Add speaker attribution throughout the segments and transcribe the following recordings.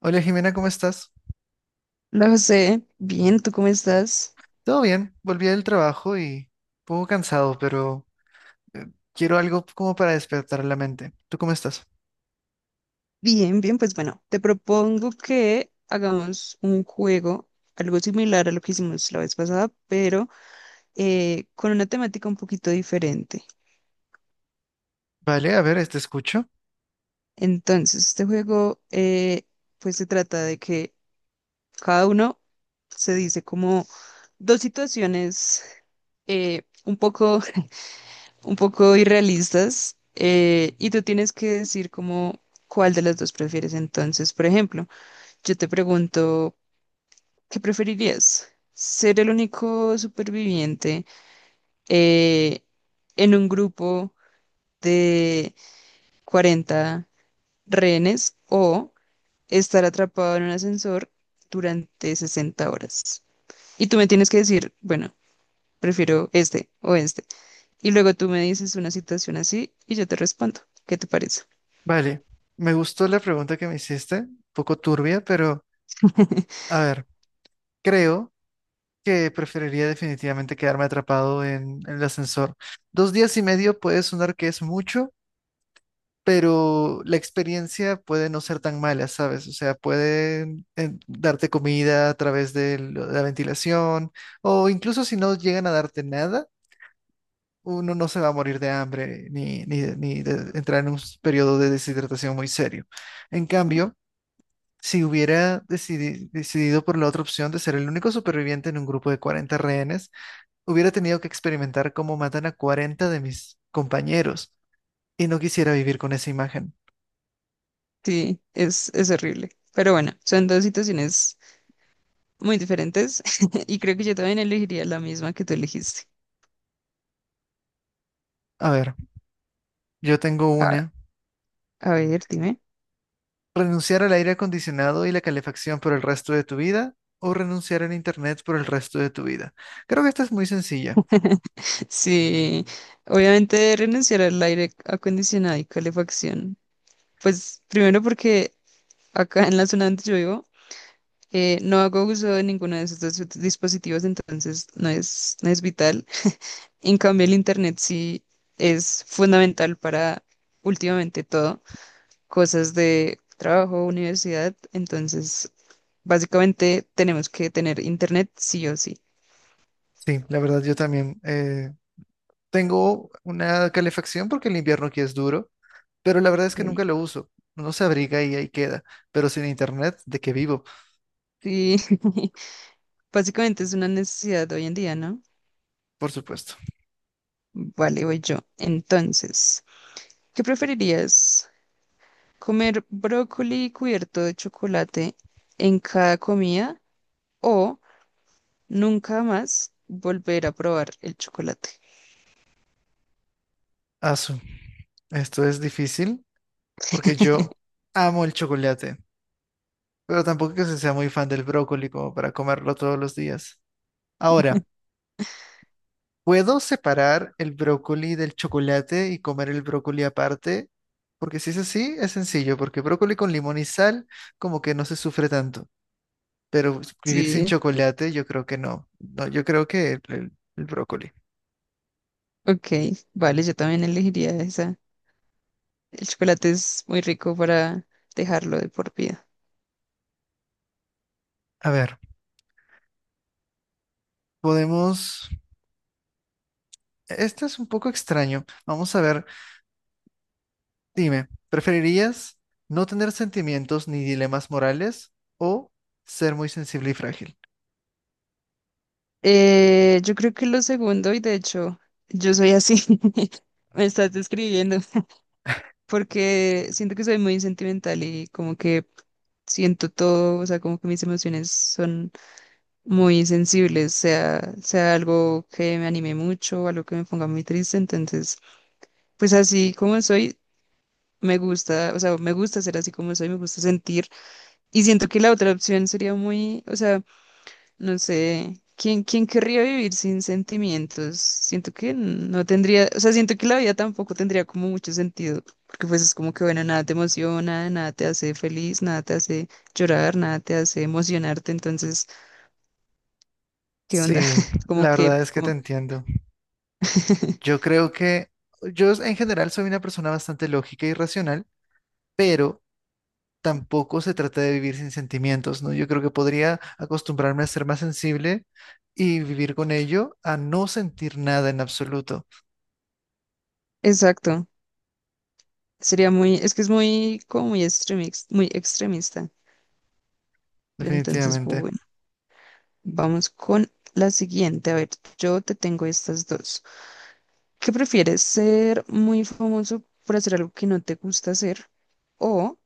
Speaker 1: Hola Jimena, ¿cómo estás?
Speaker 2: Hola José, bien, ¿tú cómo estás?
Speaker 1: Todo bien, volví del trabajo y un poco cansado, pero eh, quiero algo como para despertar la mente. ¿Tú cómo estás?
Speaker 2: Bien, bien, pues bueno, te propongo que hagamos un juego, algo similar a lo que hicimos la vez pasada, pero con una temática un poquito diferente.
Speaker 1: Vale, a ver, te escucho.
Speaker 2: Entonces, este juego pues se trata de que cada uno se dice como dos situaciones un poco, un poco irrealistas y tú tienes que decir como cuál de las dos prefieres. Entonces, por ejemplo. Yo te pregunto, ¿qué preferirías? ¿Ser el único superviviente eh, en un grupo de 40 rehenes o estar atrapado en un ascensor durante 60 horas? Y tú me tienes que decir, bueno, prefiero este o este. Y luego tú me dices una situación así y yo te respondo. ¿Qué te parece?
Speaker 1: Vale, me gustó la pregunta que me hiciste, un poco turbia, pero a ver, creo que preferiría definitivamente quedarme atrapado en el ascensor. Dos días y medio puede sonar que es mucho, pero la experiencia puede no ser tan mala, ¿sabes? O sea, pueden darte comida a través de la ventilación o incluso si no llegan a darte nada, uno no se va a morir de hambre ni de entrar en un periodo de deshidratación muy serio. En cambio, si hubiera decidido por la otra opción de ser el único superviviente en un grupo de 40 rehenes, hubiera tenido que experimentar cómo matan a 40 de mis compañeros y no quisiera vivir con esa imagen.
Speaker 2: Sí, es horrible. Pero bueno, son dos situaciones muy diferentes y creo que yo también elegiría la misma que tú elegiste.
Speaker 1: A ver. Yo tengo
Speaker 2: A,
Speaker 1: una.
Speaker 2: a ver, dime.
Speaker 1: ¿Renunciar al aire acondicionado y la calefacción por el resto de tu vida o renunciar al internet por el resto de tu vida? Creo que esta es muy sencilla.
Speaker 2: Sí, obviamente renunciar al aire acondicionado y calefacción. Pues primero porque acá en la zona donde yo vivo no hago uso de ninguno de esos dos dispositivos, entonces no es, no es vital. En cambio, el internet sí es fundamental para últimamente todo, cosas de trabajo, universidad, entonces básicamente tenemos que tener internet sí o sí.
Speaker 1: Sí, la verdad yo también tengo una calefacción porque el invierno aquí es duro, pero la verdad es que nunca
Speaker 2: Ok.
Speaker 1: lo uso. Uno se abriga y ahí queda, pero sin internet, ¿de qué vivo?
Speaker 2: Sí, básicamente es una necesidad de hoy en día, ¿no?
Speaker 1: Por supuesto.
Speaker 2: Vale, voy yo. Entonces, ¿qué preferirías? ¿Comer brócoli cubierto de chocolate en cada comida o nunca más volver a probar el chocolate?
Speaker 1: Asu, esto es difícil porque yo amo el chocolate, pero tampoco que se sea muy fan del brócoli como para comerlo todos los días. Ahora. ¿Puedo separar el brócoli del chocolate y comer el brócoli aparte? Porque si es así, es sencillo, porque brócoli con limón y sal como que no se sufre tanto, pero vivir sin
Speaker 2: Sí,
Speaker 1: chocolate yo creo que no. No, yo creo que el brócoli.
Speaker 2: ok, vale, yo también elegiría esa. El chocolate es muy rico para dejarlo de por vida.
Speaker 1: A ver, podemos... Este es un poco extraño. Vamos a ver, dime, ¿preferirías no tener sentimientos ni dilemas morales o ser muy sensible y frágil?
Speaker 2: Yo creo que lo segundo, y de hecho, yo soy así. Me estás describiendo. Porque siento que soy muy sentimental y como que siento todo, o sea, como que mis emociones son muy sensibles, sea, sea algo que me anime mucho, algo que me ponga muy triste, entonces, pues así como soy, me gusta, o sea, me gusta ser así como soy, me gusta sentir y siento que la otra opción sería muy, o sea, no sé, ¿quién, quién querría vivir sin sentimientos? Siento que no tendría, o sea, siento que la vida tampoco tendría como mucho sentido, porque pues es como que, bueno, nada te emociona, nada te hace feliz, nada te hace llorar, nada te hace emocionarte, entonces, ¿qué onda?
Speaker 1: Sí,
Speaker 2: Como
Speaker 1: la
Speaker 2: que,
Speaker 1: verdad es que te
Speaker 2: como...
Speaker 1: entiendo. Yo creo que yo en general soy una persona bastante lógica y racional, pero tampoco se trata de vivir sin sentimientos, ¿no? Yo creo que podría acostumbrarme a ser más sensible y vivir con ello a no sentir nada en absoluto,
Speaker 2: Exacto, sería muy, es que es muy, como muy extremista, pero entonces,
Speaker 1: definitivamente.
Speaker 2: bueno, vamos con la siguiente, a ver, yo te tengo estas dos. ¿Qué prefieres? ¿Ser muy famoso por hacer algo que no te gusta hacer o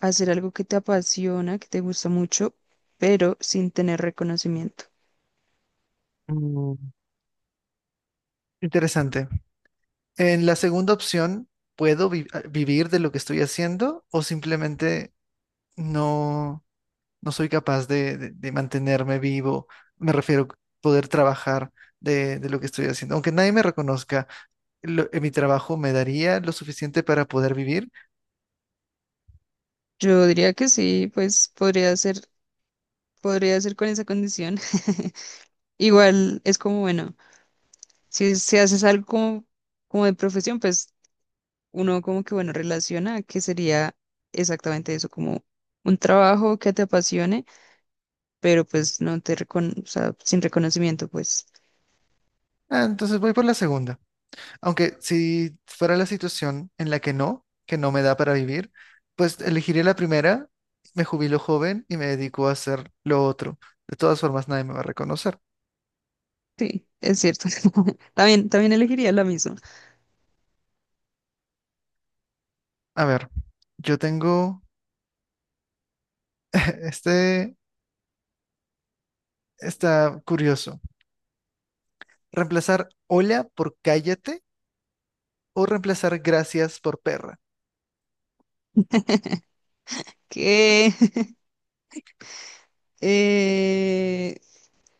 Speaker 2: hacer algo que te apasiona, que te gusta mucho, pero sin tener reconocimiento?
Speaker 1: Mm, interesante. En la segunda opción, ¿puedo vivir de lo que estoy haciendo o simplemente no? No soy capaz de mantenerme vivo, me refiero a poder trabajar de lo que estoy haciendo. Aunque nadie me reconozca, mi trabajo me daría lo suficiente para poder vivir,
Speaker 2: Yo diría que sí, pues podría ser con esa condición. Igual es como, bueno, si, si haces algo como, como de profesión, pues uno como que, bueno, relaciona que sería exactamente eso, como un trabajo que te apasione, pero pues no te recon, o sea, sin reconocimiento, pues.
Speaker 1: ah, entonces voy por la segunda. Aunque si fuera la situación en la que no me da para vivir, pues elegiría la primera, me jubilo joven y me dedico a hacer lo otro. De todas formas, nadie me va a reconocer.
Speaker 2: Sí, es cierto. También, también elegiría la misma.
Speaker 1: A ver, yo tengo este, está curioso. Reemplazar hola por cállate o reemplazar gracias por perra.
Speaker 2: Que, eh,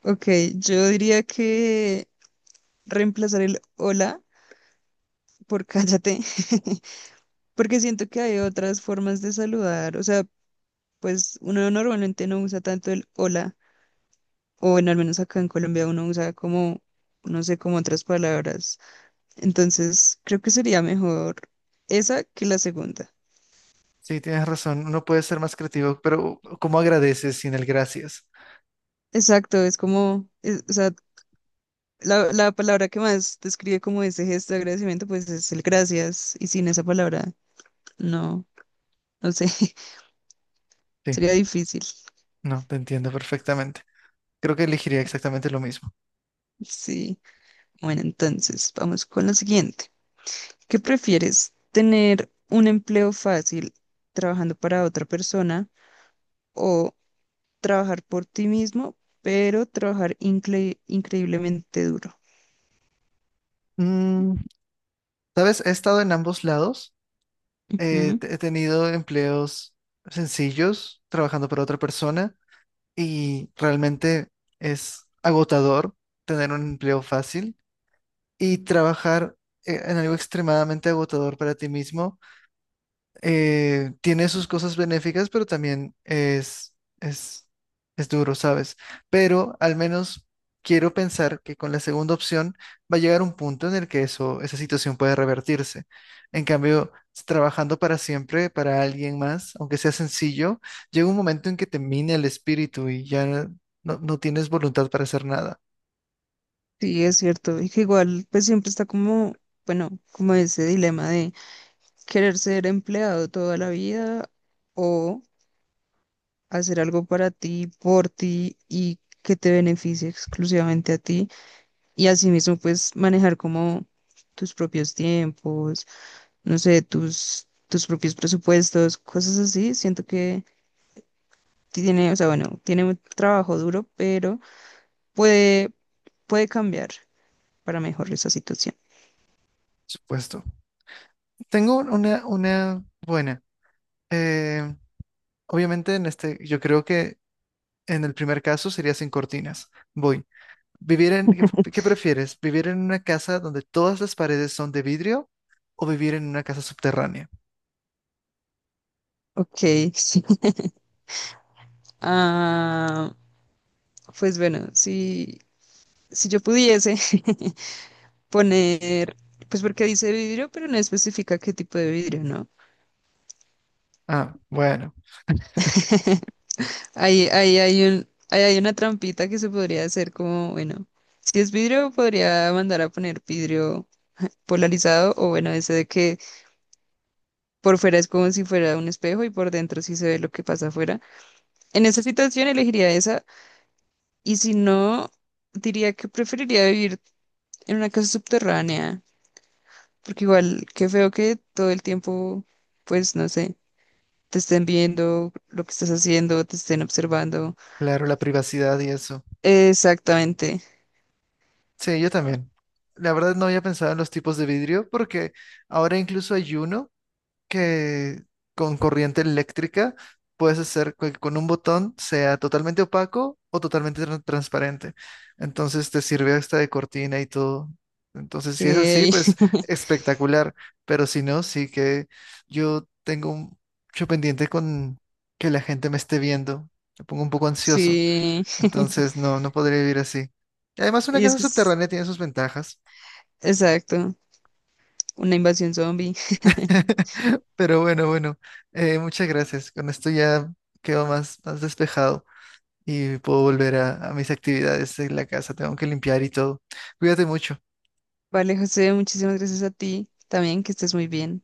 Speaker 2: ok, yo diría que reemplazar el hola por cállate, porque siento que hay otras formas de saludar. O sea, pues uno normalmente no usa tanto el hola, o bueno, al menos acá en Colombia uno usa como, no sé, como otras palabras. Entonces, creo que sería mejor esa que la segunda.
Speaker 1: Sí, tienes razón, uno puede ser más creativo, pero ¿cómo agradeces sin el gracias?
Speaker 2: Exacto, es como, es- o sea, la palabra que más describe como ese gesto de agradecimiento, pues es el gracias. Y sin esa palabra, no, no sé,
Speaker 1: Sí,
Speaker 2: sería difícil.
Speaker 1: no, te entiendo perfectamente. Creo que elegiría exactamente lo mismo.
Speaker 2: Sí. Bueno, entonces, vamos con lo siguiente. ¿Qué prefieres? ¿Tener un empleo fácil trabajando para otra persona o trabajar por ti mismo, pero trabajar increíblemente duro?
Speaker 1: Mm, ¿sabes? He estado en ambos lados.
Speaker 2: Ujú.
Speaker 1: He tenido empleos sencillos, trabajando para otra persona, y realmente es agotador tener un empleo fácil y trabajar en algo extremadamente agotador para ti mismo. Tiene sus cosas benéficas, pero también es, es duro, ¿sabes? Pero al menos quiero pensar que con la segunda opción va a llegar un punto en el que eso, esa situación puede revertirse. En cambio, trabajando para siempre, para alguien más, aunque sea sencillo, llega un momento en que te mina el espíritu y ya no tienes voluntad para hacer nada,
Speaker 2: Sí, es cierto. Y que igual, pues siempre está como, bueno, como ese dilema de querer ser empleado toda la vida o hacer algo para ti, por ti y que te beneficie exclusivamente a ti y asimismo pues manejar como tus propios tiempos, no sé, tus, tus propios presupuestos, cosas así. Siento que tiene, o sea, bueno, tiene un trabajo duro, pero puede, puede cambiar para mejorar esa situación.
Speaker 1: por supuesto. Tengo una buena. Eh, Obviamente en este, yo creo que en el primer caso sería sin cortinas. Voy. Vivir en, qué prefieres? ¿Vivir en una casa donde todas las paredes son de vidrio o vivir en una casa subterránea?
Speaker 2: Ok, sí. Ah, pues bueno, si, si yo pudiese poner, pues porque dice vidrio, pero no especifica qué tipo de vidrio, ¿no?
Speaker 1: Ah, bueno,
Speaker 2: Ahí, ahí hay un, ahí hay una trampita que se podría hacer como, bueno, si es vidrio, podría mandar a poner vidrio polarizado o bueno, ese de que por fuera es como si fuera un espejo y por dentro sí se ve lo que pasa afuera. En esa situación elegiría esa y si no, diría que preferiría vivir en una casa subterránea, porque igual, qué feo que todo el tiempo, pues no sé. Te estén viendo lo que estás haciendo, te estén observando.
Speaker 1: claro, la privacidad y eso.
Speaker 2: Exactamente.
Speaker 1: Sí, yo también. La verdad no había pensado en los tipos de vidrio porque ahora incluso hay uno que con corriente eléctrica puedes hacer que con un botón sea totalmente opaco o totalmente transparente. Entonces te sirve hasta de cortina y todo. Entonces, si es así,
Speaker 2: Ey,
Speaker 1: pues espectacular. Pero si no, sí que yo tengo un- mucho pendiente con que la gente me esté viendo. Me pongo un poco ansioso.
Speaker 2: sí.
Speaker 1: Entonces, no, no podría vivir así. Y además, una
Speaker 2: Y es
Speaker 1: casa
Speaker 2: que es
Speaker 1: subterránea tiene sus ventajas.
Speaker 2: exacto, una invasión zombie.
Speaker 1: Pero bueno, muchas gracias. Con esto ya quedo más despejado y puedo volver a mis actividades en la casa. Tengo que limpiar y todo. Cuídate mucho.
Speaker 2: Vale, José, muchísimas gracias a ti también, que estés muy bien.